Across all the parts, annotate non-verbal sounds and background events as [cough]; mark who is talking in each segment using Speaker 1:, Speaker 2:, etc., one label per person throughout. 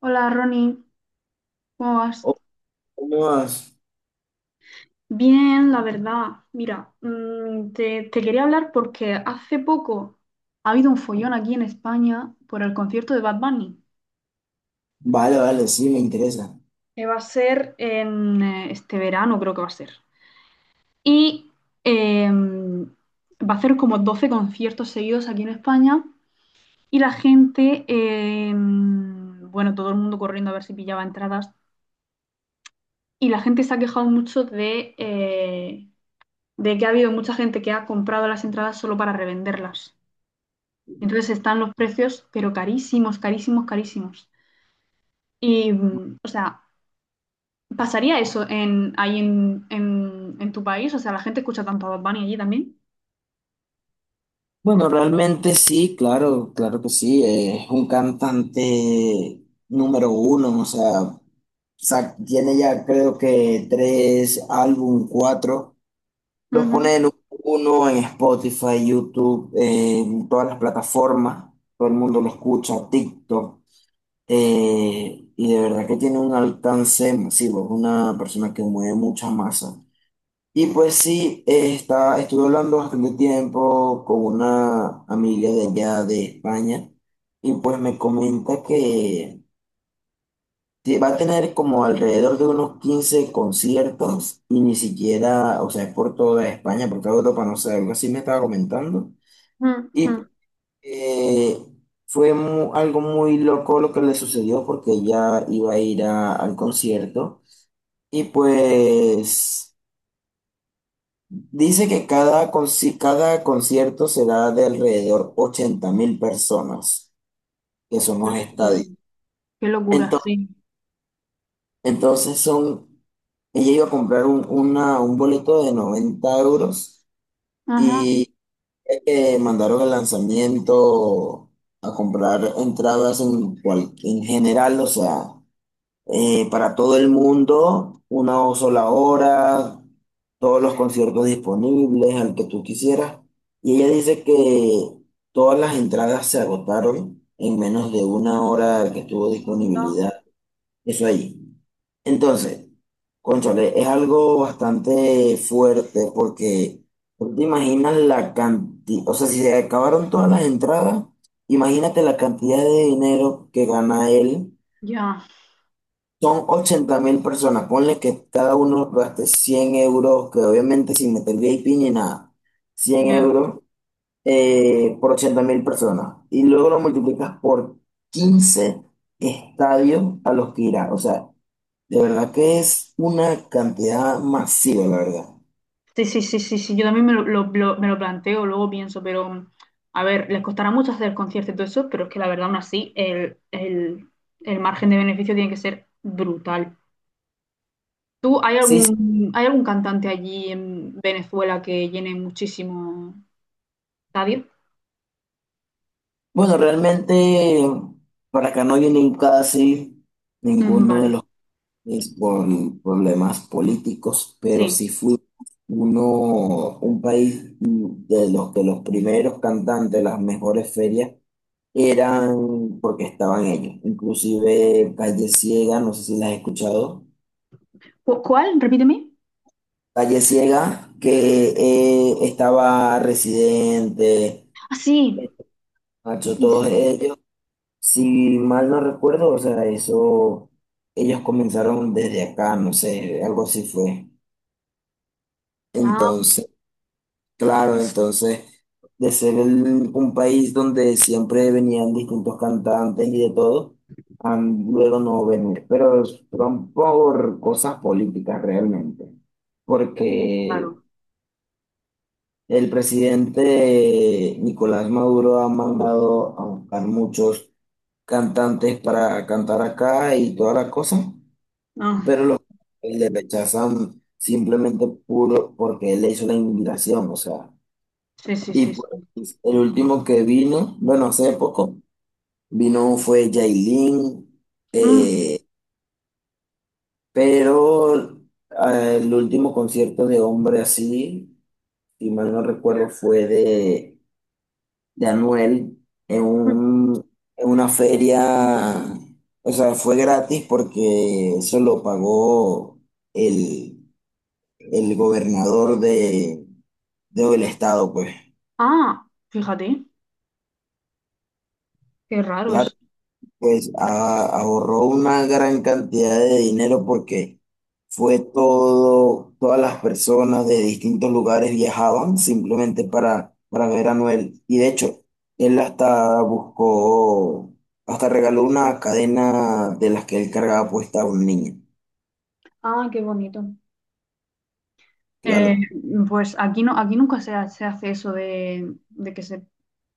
Speaker 1: Hola Ronnie, ¿cómo vas?
Speaker 2: Oh, unos-
Speaker 1: Bien, la verdad. Mira, te quería hablar porque hace poco ha habido un follón aquí en España por el concierto de Bad Bunny,
Speaker 2: vale, vale, sí, me interesa.
Speaker 1: que va a ser en este verano, creo que va a ser. Y em, va a hacer como 12 conciertos seguidos aquí en España y la gente, bueno, todo el mundo corriendo a ver si pillaba entradas, y la gente se ha quejado mucho de que ha habido mucha gente que ha comprado las entradas solo para revenderlas. Entonces están los precios, pero carísimos, carísimos, carísimos. Y, o sea, ¿pasaría eso ahí en tu país? O sea, ¿la gente escucha tanto a Bad Bunny allí también?
Speaker 2: Bueno, realmente sí, claro, claro que sí. Es un cantante número uno. O sea, tiene ya creo que tres álbum, cuatro. Los
Speaker 1: Ujú,
Speaker 2: pone en uno en Spotify, YouTube, en todas las plataformas. Todo el mundo lo escucha, TikTok. Y de verdad que tiene un alcance masivo. Es una persona que mueve mucha masa. Y pues sí, estuve hablando bastante tiempo con una amiga de allá de España, y pues me comenta que va a tener como alrededor de unos 15 conciertos y ni siquiera. O sea, es por toda España, por toda Europa, no sé, algo así me estaba comentando.
Speaker 1: ujú,
Speaker 2: Y
Speaker 1: ujú.
Speaker 2: eh, fue algo muy loco lo que le sucedió, porque ella iba a ir al concierto y pues... Dice que cada concierto será de alrededor 80.000 personas, que son
Speaker 1: Qué
Speaker 2: los
Speaker 1: locura,
Speaker 2: estadios.
Speaker 1: qué locura,
Speaker 2: entonces
Speaker 1: sí.
Speaker 2: Entonces, son, Ella iba a comprar un boleto de 90 euros,
Speaker 1: Ajá.
Speaker 2: y mandaron el lanzamiento a comprar entradas en, en general. O sea, para todo el mundo, una o sola hora, todos los conciertos disponibles, al que tú quisieras. Y ella dice que todas las entradas se agotaron en menos de una hora que estuvo
Speaker 1: No, no.
Speaker 2: disponibilidad. Eso ahí. Entonces, cónchale, es algo bastante fuerte, porque tú te imaginas la cantidad. O sea, si se acabaron todas las entradas, imagínate la cantidad de dinero que gana él.
Speaker 1: Ya,
Speaker 2: Son 80.000 personas, ponle que cada uno gaste 100 euros, que obviamente sin meter VIP ni nada, cien
Speaker 1: ya.
Speaker 2: euros por 80.000 personas. Y luego lo multiplicas por 15 estadios a los que irá. O sea, de verdad que es una cantidad masiva, la verdad.
Speaker 1: Sí, sí, sí, sí, sí, yo también me lo planteo, luego pienso, pero a ver, les costará mucho hacer el concierto y todo eso, pero es que la verdad, aún así, el margen de beneficio tiene que ser brutal. ¿Tú, hay
Speaker 2: Sí, sí.
Speaker 1: algún, hay algún cantante allí en Venezuela que llene muchísimo estadio?
Speaker 2: Bueno, realmente para acá no vienen casi
Speaker 1: Mm,
Speaker 2: ninguno de
Speaker 1: vale,
Speaker 2: los, es por problemas políticos. Pero
Speaker 1: sí.
Speaker 2: sí fui uno, un país de los que los primeros cantantes, las mejores ferias, eran porque estaban ellos. Inclusive Calle Ciega, no sé si la has escuchado.
Speaker 1: ¿Cuál? Repíteme.
Speaker 2: Calle Ciega, que estaba Residente,
Speaker 1: Ah, sí,
Speaker 2: Nacho,
Speaker 1: sí, sí.
Speaker 2: todos ellos. Si mal no recuerdo, o sea, eso, ellos comenzaron desde acá, no sé, algo así fue.
Speaker 1: Ah,
Speaker 2: Entonces, claro, entonces, de ser un país donde siempre venían distintos cantantes y de todo, a luego no venir. Pero son por cosas políticas realmente. Porque
Speaker 1: claro.
Speaker 2: el presidente Nicolás Maduro ha mandado a buscar muchos cantantes para cantar acá y toda la cosa,
Speaker 1: Ah,
Speaker 2: pero los le rechazan simplemente puro porque él le hizo la invitación, o sea.
Speaker 1: sí, sí,
Speaker 2: Y
Speaker 1: sí,
Speaker 2: pues,
Speaker 1: sí.
Speaker 2: pues, el último que vino, bueno, hace poco, vino fue Yailin,
Speaker 1: Mm,
Speaker 2: eh, pero el último concierto de hombre así, si mal no recuerdo, fue de Anuel en
Speaker 1: mm.
Speaker 2: un, en una feria. O sea, fue gratis porque eso lo pagó el, el gobernador de, del estado, pues.
Speaker 1: Ah, fíjate, qué raro es.
Speaker 2: Pues ahorró una gran cantidad de dinero, porque fue todo, todas las personas de distintos lugares viajaban simplemente para ver a Noel. Y de hecho, él hasta buscó, hasta regaló una cadena de las que él cargaba puesta a un niño.
Speaker 1: Ah, qué bonito. Eh,
Speaker 2: Claro.
Speaker 1: pues aquí no, aquí nunca se hace eso de, que se,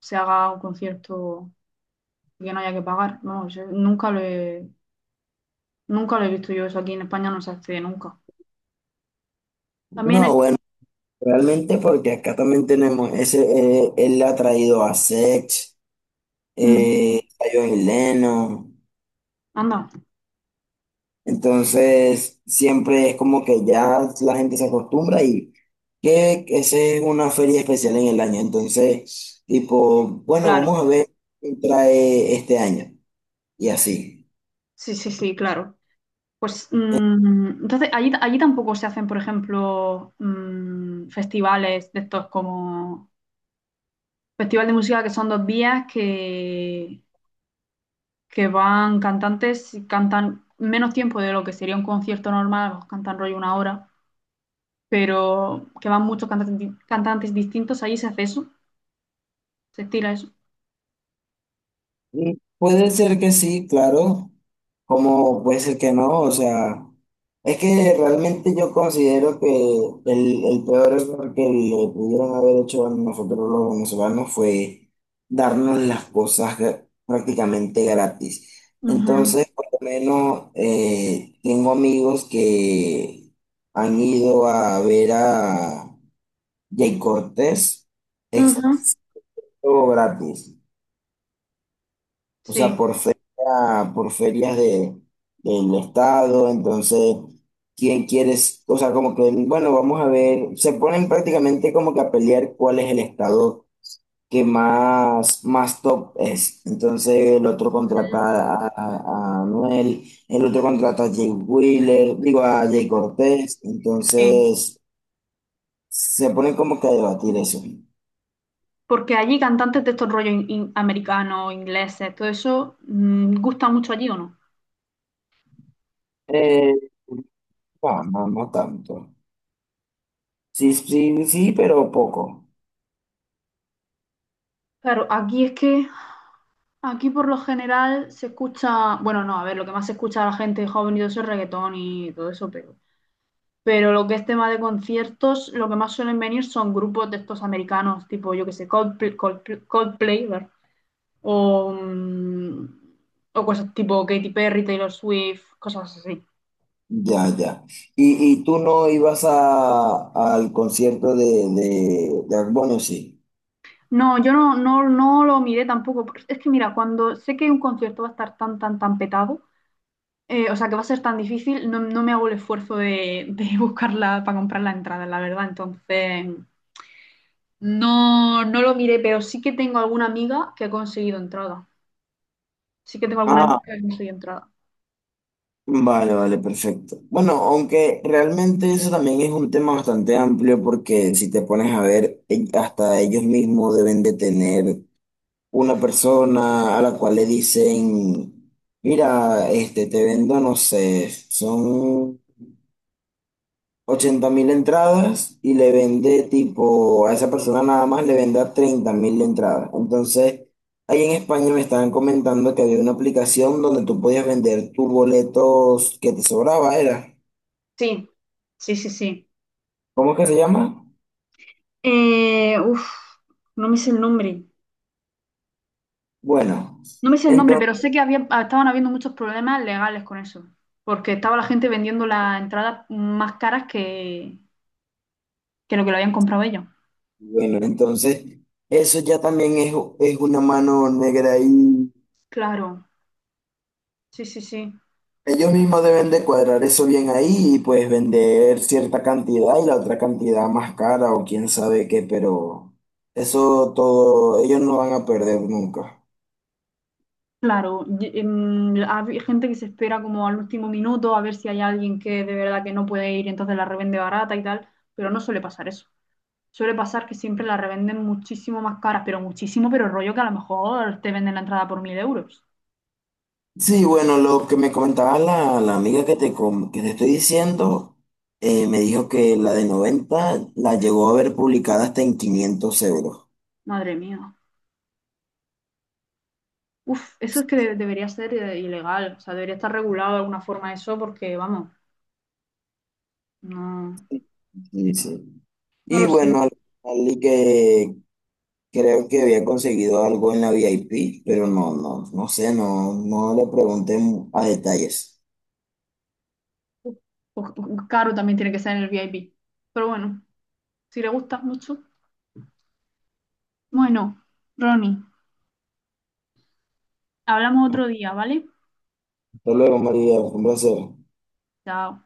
Speaker 1: se haga un concierto y que no haya que pagar. No, yo nunca lo he visto, yo eso aquí en España no se hace nunca. También es,
Speaker 2: No, bueno, realmente porque acá también tenemos ese, él ha traído a Sex,
Speaker 1: mm,
Speaker 2: a John Lennon.
Speaker 1: anda,
Speaker 2: Entonces, siempre es como que ya la gente se acostumbra y que ese es una feria especial en el año. Entonces, tipo, bueno,
Speaker 1: claro,
Speaker 2: vamos a ver qué trae este año. Y así.
Speaker 1: sí, sí, sí, claro. Pues entonces allí tampoco se hacen, por ejemplo, festivales de estos como festival de música que son 2 días, que van cantantes y cantan menos tiempo de lo que sería un concierto normal, los cantan rollo una hora, pero que van muchos cantantes, cantantes distintos. Allí se hace eso, se estila eso.
Speaker 2: Mm, puede ser que sí, claro, como puede ser que no. O sea, es que realmente yo considero que el peor error que le pudieron haber hecho a nosotros los venezolanos fue darnos las cosas prácticamente gratis.
Speaker 1: Ujú,
Speaker 2: Entonces, por lo menos tengo amigos que han ido a ver a Jay Cortés,
Speaker 1: ujú,
Speaker 2: ex, todo gratis. O sea,
Speaker 1: sí.
Speaker 2: por feria, por ferias de, del estado, entonces, ¿quién quieres? O sea, como que, bueno, vamos a ver, se ponen prácticamente como que a pelear cuál es el estado que más, más top es. Entonces, el otro
Speaker 1: Ujú,
Speaker 2: contrata a Anuel, el otro contrata a Jay Wheeler, digo, a Jay Cortés,
Speaker 1: sí.
Speaker 2: entonces, se ponen como que a debatir eso.
Speaker 1: Porque allí cantantes de estos rollos americanos, ingleses, todo eso, ¿gusta mucho allí o no?
Speaker 2: Eh, no, no, no tanto. Sí, sí, sí, pero poco.
Speaker 1: Claro, aquí es que, aquí por lo general se escucha, bueno, no, a ver, lo que más se escucha a la gente joven y todo eso es reggaetón y todo eso, pero lo que es tema de conciertos, lo que más suelen venir son grupos de estos americanos, tipo, yo que sé, Coldplay, Coldplay, Coldplay, ¿verdad? o, mm, o cosas tipo Katy Perry, Taylor Swift, cosas así.
Speaker 2: Ya, ya. Y tú no ibas a, al concierto de Bad, sí?
Speaker 1: No, yo no, no, no lo miré tampoco. Porque es que mira, cuando sé que un concierto va a estar tan, tan, tan petado, o sea, que va a ser tan difícil, no me hago el esfuerzo de, [laughs] buscarla para comprar la entrada, la verdad. Entonces, no, no lo miré, pero sí que tengo alguna amiga que ha conseguido entrada. Sí que tengo alguna
Speaker 2: Ah,
Speaker 1: amiga que no estoy entrada.
Speaker 2: vale, vale, perfecto. Bueno, aunque realmente eso también es un tema bastante amplio, porque si te pones a ver, hasta ellos mismos deben de tener una persona a la cual le dicen, mira, este, te vendo, no sé, son... 80.000 entradas, y le vende tipo a esa persona, nada más le vende a 30 mil entradas. Entonces, ahí en España me estaban comentando que había una aplicación donde tú podías vender tus boletos que te sobraba, era.
Speaker 1: Sí, sí, sí, sí.
Speaker 2: ¿Cómo es que se llama?
Speaker 1: Uf, no me sé el nombre.
Speaker 2: Bueno,
Speaker 1: No me sé el nombre, pero
Speaker 2: entonces,
Speaker 1: sé que estaban habiendo muchos problemas legales con eso. Porque estaba la gente vendiendo las entradas más caras que lo que lo habían comprado ellos.
Speaker 2: bueno, entonces eso ya también es una mano negra ahí.
Speaker 1: Claro, sí, sí, sí.
Speaker 2: Ellos mismos deben de cuadrar eso bien ahí, y pues vender cierta cantidad y la otra cantidad más cara o quién sabe qué, pero eso todo, ellos no van a perder nunca.
Speaker 1: Claro, hay gente que se espera como al último minuto a ver si hay alguien que de verdad que no puede ir, entonces la revende barata y tal, pero no suele pasar eso. Suele pasar que siempre la revenden muchísimo más caras, pero muchísimo, pero rollo que a lo mejor te venden la entrada por 1000 euros.
Speaker 2: Sí, bueno, lo que me comentaba la, la amiga que que te estoy diciendo, me dijo que la de 90 la llegó a ver publicada hasta en 500 euros.
Speaker 1: Madre mía. Uf, eso es que debería ser ilegal. O sea, debería estar regulado de alguna forma eso porque, vamos, no,
Speaker 2: Sí, sí.
Speaker 1: no
Speaker 2: Y
Speaker 1: lo sé.
Speaker 2: bueno, y que, creo que había conseguido algo en la VIP, pero no, no, no sé, no, no le pregunté a detalles.
Speaker 1: Uf, caro también tiene que ser en el VIP. Pero bueno, si le gusta mucho. Bueno, Ronnie, hablamos otro día, ¿vale?
Speaker 2: Hasta luego, María, fue un placer.
Speaker 1: Chao.